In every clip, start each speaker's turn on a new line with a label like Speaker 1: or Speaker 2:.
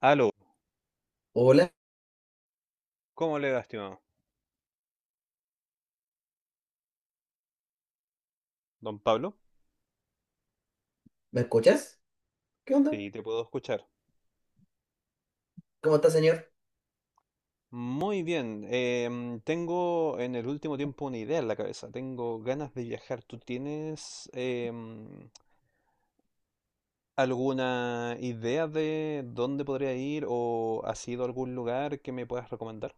Speaker 1: Aló,
Speaker 2: Hola,
Speaker 1: ¿cómo le va, estimado? Don Pablo,
Speaker 2: ¿me escuchas? ¿Qué onda?
Speaker 1: sí, te puedo escuchar.
Speaker 2: ¿Cómo está, señor?
Speaker 1: Muy bien, tengo en el último tiempo una idea en la cabeza, tengo ganas de viajar. ¿Tú tienes alguna idea de dónde podría ir o has ido a algún lugar que me puedas recomendar?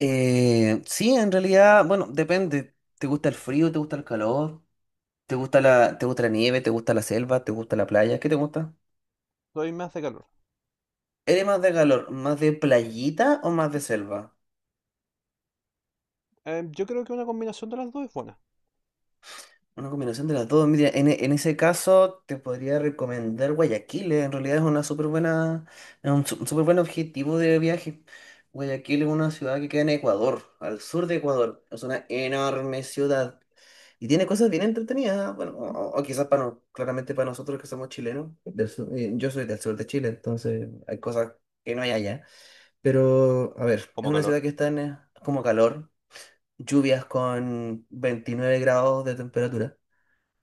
Speaker 2: Sí, en realidad, bueno, depende. ¿Te gusta el frío? ¿Te gusta el calor? ¿Te gusta la nieve? ¿Te gusta la selva? ¿Te gusta la playa? ¿Qué te gusta?
Speaker 1: Soy más de calor.
Speaker 2: ¿Eres más de calor? ¿Más de playita o más de selva?
Speaker 1: Yo creo que una combinación de las dos es buena.
Speaker 2: Una combinación de las dos. Mira, en ese caso te podría recomendar Guayaquil. En realidad es una súper es un súper buen objetivo de viaje. Guayaquil es una ciudad que queda en Ecuador, al sur de Ecuador. Es una enorme ciudad. Y tiene cosas bien entretenidas, bueno, o quizás para claramente para nosotros que somos chilenos, yo soy del sur de Chile, entonces hay cosas que no hay allá. Pero, a ver, es
Speaker 1: Como
Speaker 2: una
Speaker 1: calor,
Speaker 2: ciudad que está en como calor, lluvias con 29 grados de temperatura.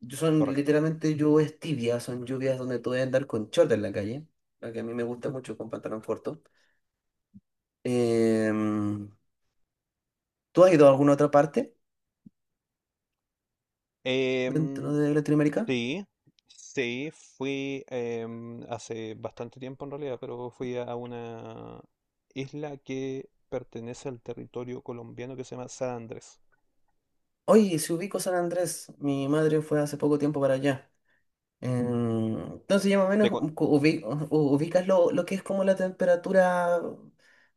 Speaker 2: Son
Speaker 1: correcto.
Speaker 2: literalmente lluvias tibias, son lluvias donde tú debes andar con short en la calle, la que a mí me gusta mucho con pantalón corto. Em, ¿Tú has ido a alguna otra parte dentro
Speaker 1: Em,
Speaker 2: de Latinoamérica?
Speaker 1: Sí, sí, fui hace bastante tiempo en realidad, pero fui a una isla que pertenece al territorio colombiano que se llama San Andrés.
Speaker 2: Oye, si ubico San Andrés, mi madre fue hace poco tiempo para allá. Entonces, ya más o
Speaker 1: Te
Speaker 2: menos
Speaker 1: co-
Speaker 2: ubicas lo que es como la temperatura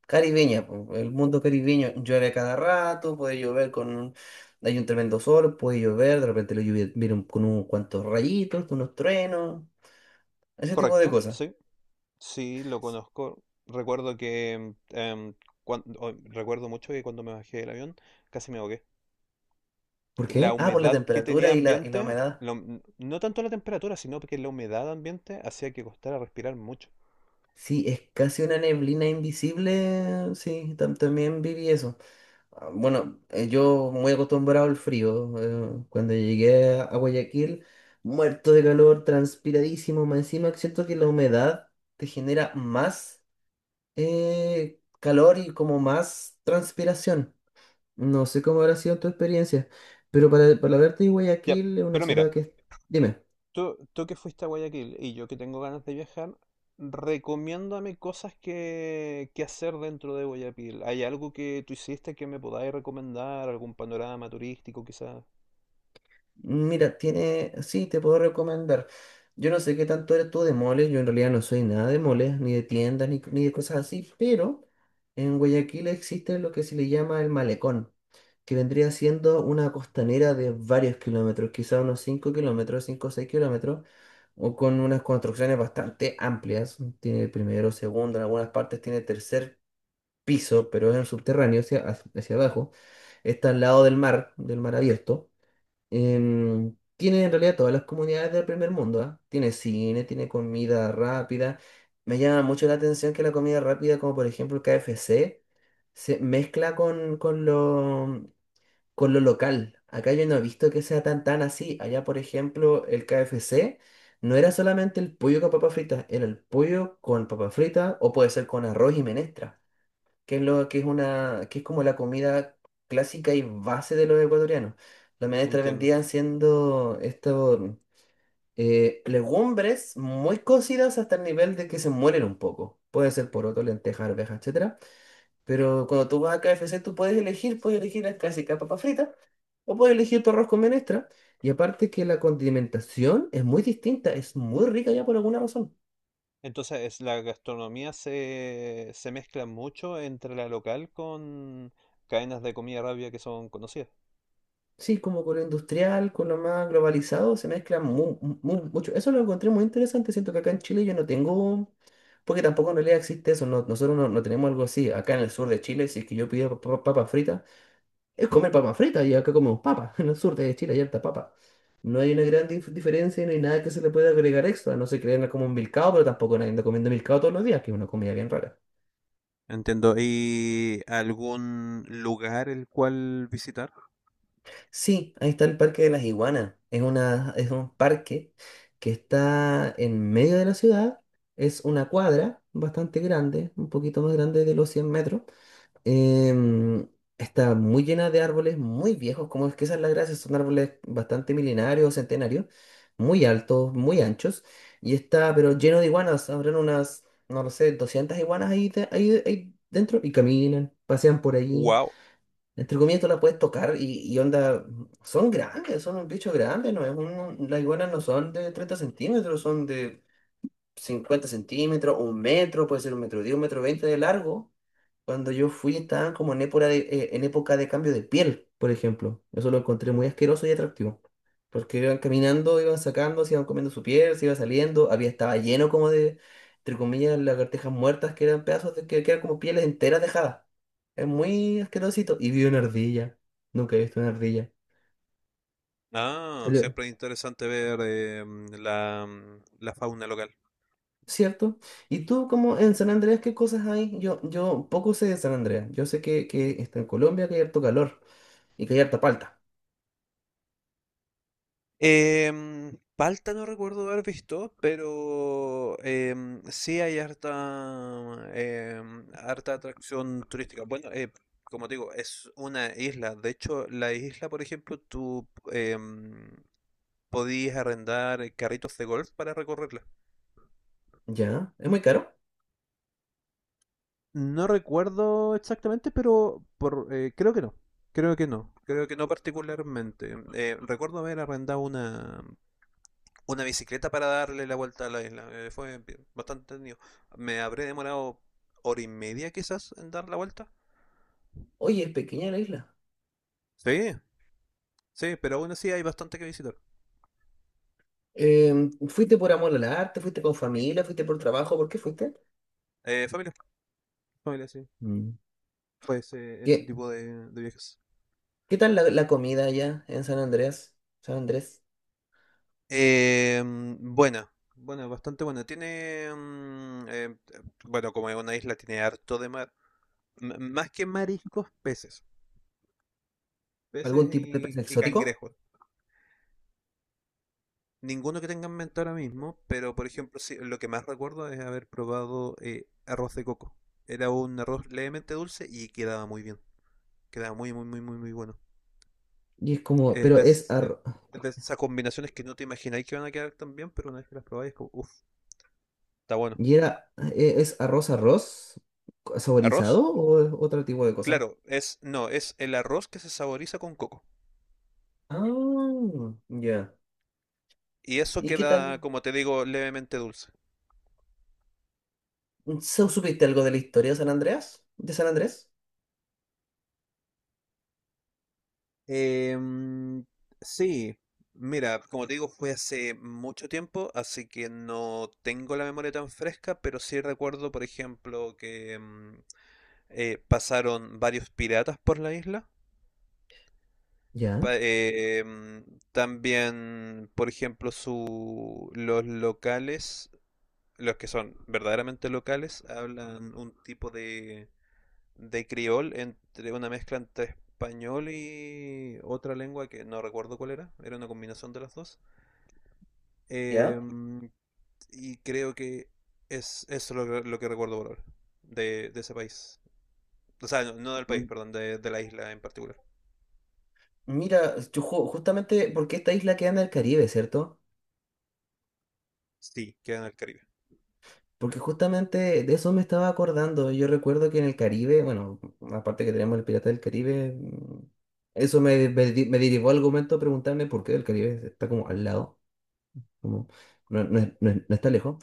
Speaker 2: caribeña, po, el mundo caribeño. Llueve a cada rato, puede llover con... Hay un tremendo sol, puede llover, de repente lo lluvia viene con unos cuantos rayitos, con unos truenos, ese tipo de
Speaker 1: Correcto,
Speaker 2: cosas.
Speaker 1: sí, sí, lo conozco. Recuerdo que, recuerdo mucho que cuando me bajé del avión casi me ahogué.
Speaker 2: ¿Por
Speaker 1: La
Speaker 2: qué? Ah, por la
Speaker 1: humedad que
Speaker 2: temperatura
Speaker 1: tenía
Speaker 2: y y la
Speaker 1: ambiente,
Speaker 2: humedad.
Speaker 1: no tanto la temperatura, sino que la humedad ambiente hacía que costara respirar mucho.
Speaker 2: Sí, es casi una neblina invisible. Sí, también viví eso. Ah, bueno, yo muy acostumbrado al frío. Cuando llegué a Guayaquil, muerto de calor, transpiradísimo, más encima siento que la humedad te genera más calor y como más transpiración. No sé cómo habrá sido tu experiencia, pero para verte de
Speaker 1: Ya,
Speaker 2: Guayaquil es una
Speaker 1: pero mira.
Speaker 2: ciudad que... Dime.
Speaker 1: Tú que fuiste a Guayaquil y yo que tengo ganas de viajar, recomiéndame cosas que hacer dentro de Guayaquil. ¿Hay algo que tú hiciste que me podáis recomendar? ¿Algún panorama turístico quizás?
Speaker 2: Mira, sí, te puedo recomendar. Yo no sé qué tanto eres tú de moles, yo en realidad no soy nada de moles, ni de tiendas, ni de cosas así, pero en Guayaquil existe lo que se le llama el malecón, que vendría siendo una costanera de varios kilómetros, quizá unos 5 kilómetros, 5 o 6 kilómetros, o con unas construcciones bastante amplias. Tiene primero, segundo, en algunas partes tiene tercer piso, pero es en subterráneo, hacia abajo. Está al lado del mar abierto. Em, tiene en realidad todas las comunidades del primer mundo, ¿ah? Tiene cine, tiene comida rápida. Me llama mucho la atención que la comida rápida, como por ejemplo el K F C se mezcla con lo local. Acá yo no he visto que sea tan así. Allá, por ejemplo, el K F C no era solamente el pollo con papas fritas, era el pollo con papas fritas o puede ser con arroz y menestra que es lo que es que es como la comida clásica y base de los ecuatorianos. Los menestres
Speaker 1: Entiendo.
Speaker 2: vendían siendo estos legumbres muy cocidas hasta el nivel de que se mueren un poco. Puede ser poroto, lenteja, arveja, etcétera. Pero cuando tú vas a KFC, puedes elegir la clásica papa frita o puedes elegir tu arroz con menestra. Y aparte que la condimentación es muy distinta, es muy rica ya por alguna razón.
Speaker 1: Entonces, la gastronomía se mezcla mucho entre la local con cadenas de comida rápida que son conocidas.
Speaker 2: Sí, como con lo industrial, con lo más globalizado, se mezcla mucho. Eso lo encontré muy interesante. Siento que acá en Chile yo no tengo, porque tampoco en realidad existe eso. Nosotros no tenemos algo así. Acá en el sur de Chile, si es que yo pido papas fritas, es comer papas fritas y acá comemos papas. En el sur de Chile hay harta papa. No hay una gran diferencia y no hay nada que se le pueda agregar extra. No se crean como un milcao, pero tampoco nadie anda comiendo milcao todos los días, que es una comida bien rara.
Speaker 1: Entiendo. ¿Y algún lugar el cual visitar?
Speaker 2: Sí, ahí está el Parque de las Iguanas. Es un parque que está en medio de la ciudad. Es una cuadra bastante grande, un poquito más grande de los 100 metros. Em, Está muy llena de árboles muy viejos, como es que esa es la gracia. Son árboles bastante milenarios, centenarios, muy altos, muy anchos. Y está, pero lleno de iguanas. Habrán unas, no lo sé, 200 iguanas ahí, ahí dentro y caminan, pasean por ahí.
Speaker 1: Wow.
Speaker 2: Entre comillas, tú la puedes tocar y onda, son grandes, son un bicho grande, ¿no? Las iguanas no son de 30 centímetros, son de 50 centímetros, un metro, puede ser un metro 10, un metro 20 de largo. Cuando yo fui estaban como en época en época de cambio de piel, por ejemplo. Eso lo encontré muy asqueroso y atractivo. Porque iban caminando, iban sacando, se iban comiendo su piel, se iba saliendo, estaba lleno como entre comillas, lagartijas muertas que eran pedazos que eran como pieles enteras dejadas. Es muy asquerosito. Y vi una ardilla. Nunca he visto una ardilla.
Speaker 1: Ah,
Speaker 2: Salió-
Speaker 1: siempre es interesante ver la, la fauna local.
Speaker 2: ¿Cierto? ¿Y tú como en San Andrés qué cosas hay? Yo poco sé de San Andrés. Yo sé que está en Colombia, que hay harto calor y que hay harta palta.
Speaker 1: Palta no recuerdo haber visto, pero sí hay harta, harta atracción turística. Bueno, como te digo, es una isla. De hecho, la isla, por ejemplo, tú em, podías arrendar carritos de golf para recorrerla.
Speaker 2: ¿Ya? ¿Es muy caro?
Speaker 1: No recuerdo exactamente, pero por, creo que no. Creo que no. Creo que no particularmente. Recuerdo haber arrendado una bicicleta para darle la vuelta a la isla. Fue bastante tenido. Me habré demorado hora y media quizás en dar la vuelta.
Speaker 2: Oye, es pequeña la isla.
Speaker 1: Sí, sí, pero aún así hay bastante que visitar.
Speaker 2: Em, ¿fuiste por amor al arte? ¿Fuiste con familia? ¿Fuiste por trabajo? ¿Por qué fuiste?
Speaker 1: Eh, familia, familia, sí.
Speaker 2: Mm.
Speaker 1: Fue ese
Speaker 2: ¿Qué,
Speaker 1: tipo de viajes.
Speaker 2: ¿Qué tal la comida allá en San Andrés? San Andrés,
Speaker 1: Eh, bastante buena. Tiene, bueno, como es una isla, tiene harto de mar. M- más que mariscos, peces. Peces
Speaker 2: ¿algún tipo de pez
Speaker 1: y
Speaker 2: exótico?
Speaker 1: cangrejos. Ninguno que tenga en mente ahora mismo, pero por ejemplo, sí, lo que más recuerdo es haber probado arroz de coco. Era un arroz levemente dulce y quedaba muy bien. Quedaba muy, muy, muy, muy, muy bueno.
Speaker 2: Y es como,
Speaker 1: Es
Speaker 2: pero es
Speaker 1: es de esas combinaciones que no te imagináis que van a quedar tan bien, pero una vez que las probáis, es como, uff, está bueno.
Speaker 2: ¿es arroz arroz
Speaker 1: ¿Arroz?
Speaker 2: saborizado o es otro tipo de cosa?
Speaker 1: Claro, es, no, es el arroz que se saboriza con coco.
Speaker 2: Ah, ya.
Speaker 1: Y eso
Speaker 2: ¿Y qué
Speaker 1: queda,
Speaker 2: tal?
Speaker 1: como te digo, levemente dulce.
Speaker 2: ¿Supiste algo de la historia de San Andrés? ¿De San Andrés?
Speaker 1: Em, sí, mira, como te digo, fue hace mucho tiempo, así que no tengo la memoria tan fresca, pero sí recuerdo, por ejemplo, que pasaron varios piratas por la isla.
Speaker 2: Ya.
Speaker 1: También, por ejemplo, los locales, los que son verdaderamente locales, hablan un tipo de criol, entre una mezcla entre español y otra lengua que no recuerdo cuál era, era una combinación de las dos. Eh,
Speaker 2: Ya.
Speaker 1: y creo que es eso lo que recuerdo por ahora, de ese país. O sea, no, no del país,
Speaker 2: Mm,
Speaker 1: perdón, de la isla en particular.
Speaker 2: mira, yo justamente porque esta isla queda en el Caribe, ¿cierto?
Speaker 1: Sí, queda en el Caribe.
Speaker 2: Porque justamente de eso me estaba acordando. Yo recuerdo que en el Caribe, bueno, aparte que tenemos el Pirata del Caribe, mm, eso me derivó al argumento de preguntarme por qué el Caribe está como al lado, como no está lejos.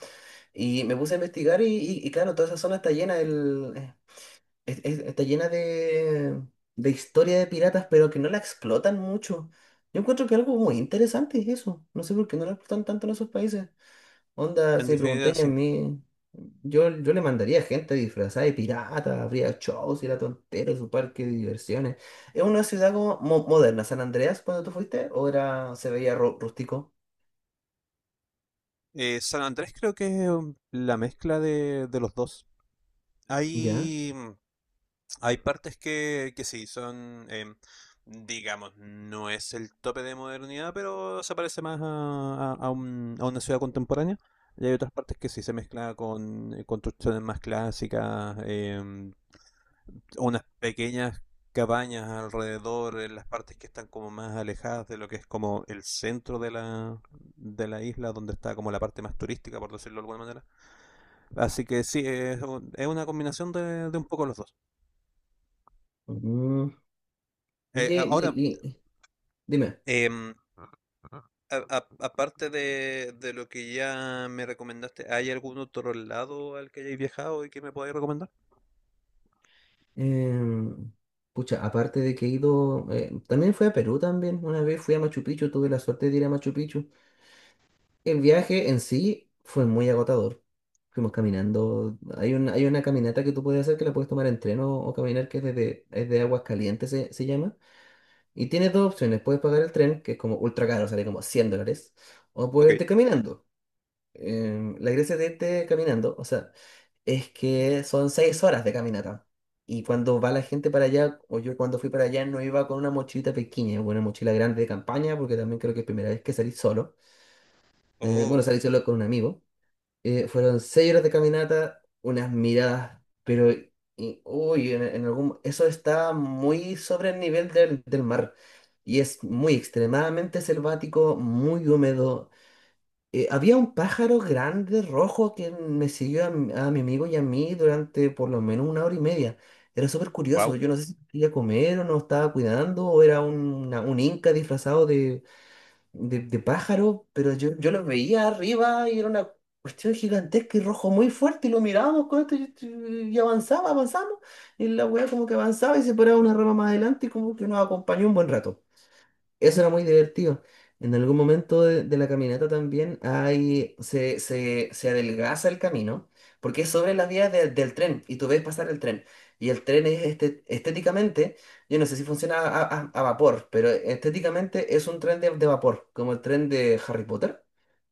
Speaker 2: Y me puse a investigar y claro, toda esa zona está llena, está llena de historia de piratas, pero que no la explotan mucho. Yo encuentro que algo muy interesante es eso. No sé por qué no la explotan tanto en esos países. Onda,
Speaker 1: En
Speaker 2: si me
Speaker 1: definitiva,
Speaker 2: preguntáis a
Speaker 1: sí.
Speaker 2: mí, yo le mandaría gente disfrazada de pirata, habría shows y la tontera, su parque de diversiones. ¿Es una ciudad como moderna, San Andreas, cuando tú fuiste? ¿O era, se veía rústico?
Speaker 1: San Andrés creo que es la mezcla de los dos.
Speaker 2: ¿Ya?
Speaker 1: Hay hay partes que sí, son, digamos, no es el tope de modernidad, pero se parece más a, a una ciudad contemporánea. Y hay otras partes que sí se mezcla con construcciones más clásicas, unas pequeñas cabañas alrededor, en las partes que están como más alejadas de lo que es como el centro de la isla, donde está como la parte más turística, por decirlo de alguna manera. Así que sí, es una combinación de un poco los dos.
Speaker 2: Mm. Oye,
Speaker 1: Ahora,
Speaker 2: dime,
Speaker 1: Em, aparte de lo que ya me recomendaste, ¿hay algún otro lado al que hayáis viajado y que me podáis recomendar?
Speaker 2: em, pucha, aparte de que he ido, también fui a Perú también, una vez fui a Machu Picchu, tuve la suerte de ir a Machu Picchu. El viaje en sí fue muy agotador. Fuimos caminando. Hay una caminata que tú puedes hacer que la puedes tomar en tren o caminar, que es es de Aguas Calientes, se llama. Y tienes dos opciones. Puedes pagar el tren, que es como ultra caro, sale como 100 dólares, o
Speaker 1: Ok.
Speaker 2: puedes irte caminando. La gracia de irte caminando, o sea, es que son seis horas de caminata. Y cuando va la gente para allá, o yo cuando fui para allá, no iba con una mochilita pequeña, o una mochila grande de campaña, porque también creo que es primera vez que salí solo.
Speaker 1: Oh,
Speaker 2: Bueno, salí solo con un amigo. Fueron seis horas de caminata, unas miradas, pero en algún, eso está muy sobre el nivel del mar y es muy extremadamente selvático, muy húmedo. Había un pájaro grande rojo que me siguió a mi amigo y a mí durante por lo menos una hora y media. Era súper curioso,
Speaker 1: wow.
Speaker 2: yo no sé si quería comer o no estaba cuidando o era un inca disfrazado de pájaros, pero yo los veía arriba y era una cuestión gigantesca y rojo muy fuerte y lo mirábamos con esto y avanzaba, avanzamos y la weá como que avanzaba y se paraba una rama más adelante y como que nos acompañó un buen rato. Eso era muy divertido. En algún momento de la caminata también hay, se adelgaza el camino, porque es sobre las vías del tren, y tú ves pasar el tren. Y el tren es este, estéticamente, yo no sé si funciona a vapor, pero estéticamente es un tren de vapor, como el tren de Harry Potter,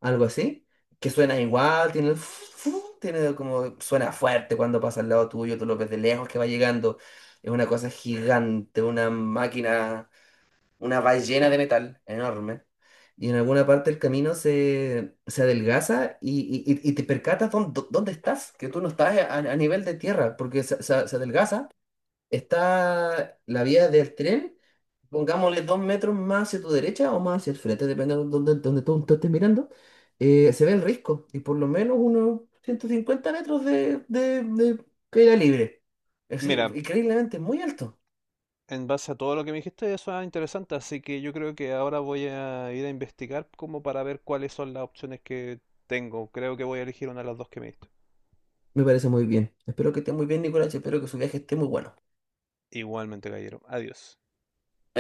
Speaker 2: algo así, que suena igual, tiene, el tiene como, suena fuerte cuando pasa al lado tuyo, tú lo ves de lejos que va llegando. Es una cosa gigante, una máquina una ballena de metal enorme. Y en alguna parte del camino se adelgaza y te percatas dónde estás, que tú no estás a nivel de tierra, porque se adelgaza. Está la vía del tren, pongámosle dos metros más hacia tu derecha o más hacia el frente, depende de dónde, dónde tú estés mirando. Se ve el risco y por lo menos unos 150 metros de caída libre. Es decir,
Speaker 1: Mira,
Speaker 2: increíblemente muy alto.
Speaker 1: en base a todo lo que me dijiste, eso es interesante, así que yo creo que ahora voy a ir a investigar como para ver cuáles son las opciones que tengo. Creo que voy a elegir una de las dos que me diste.
Speaker 2: Me parece muy bien. Espero que esté muy bien, Nicolás. Espero que su viaje esté muy bueno.
Speaker 1: Igualmente, caballero. Adiós.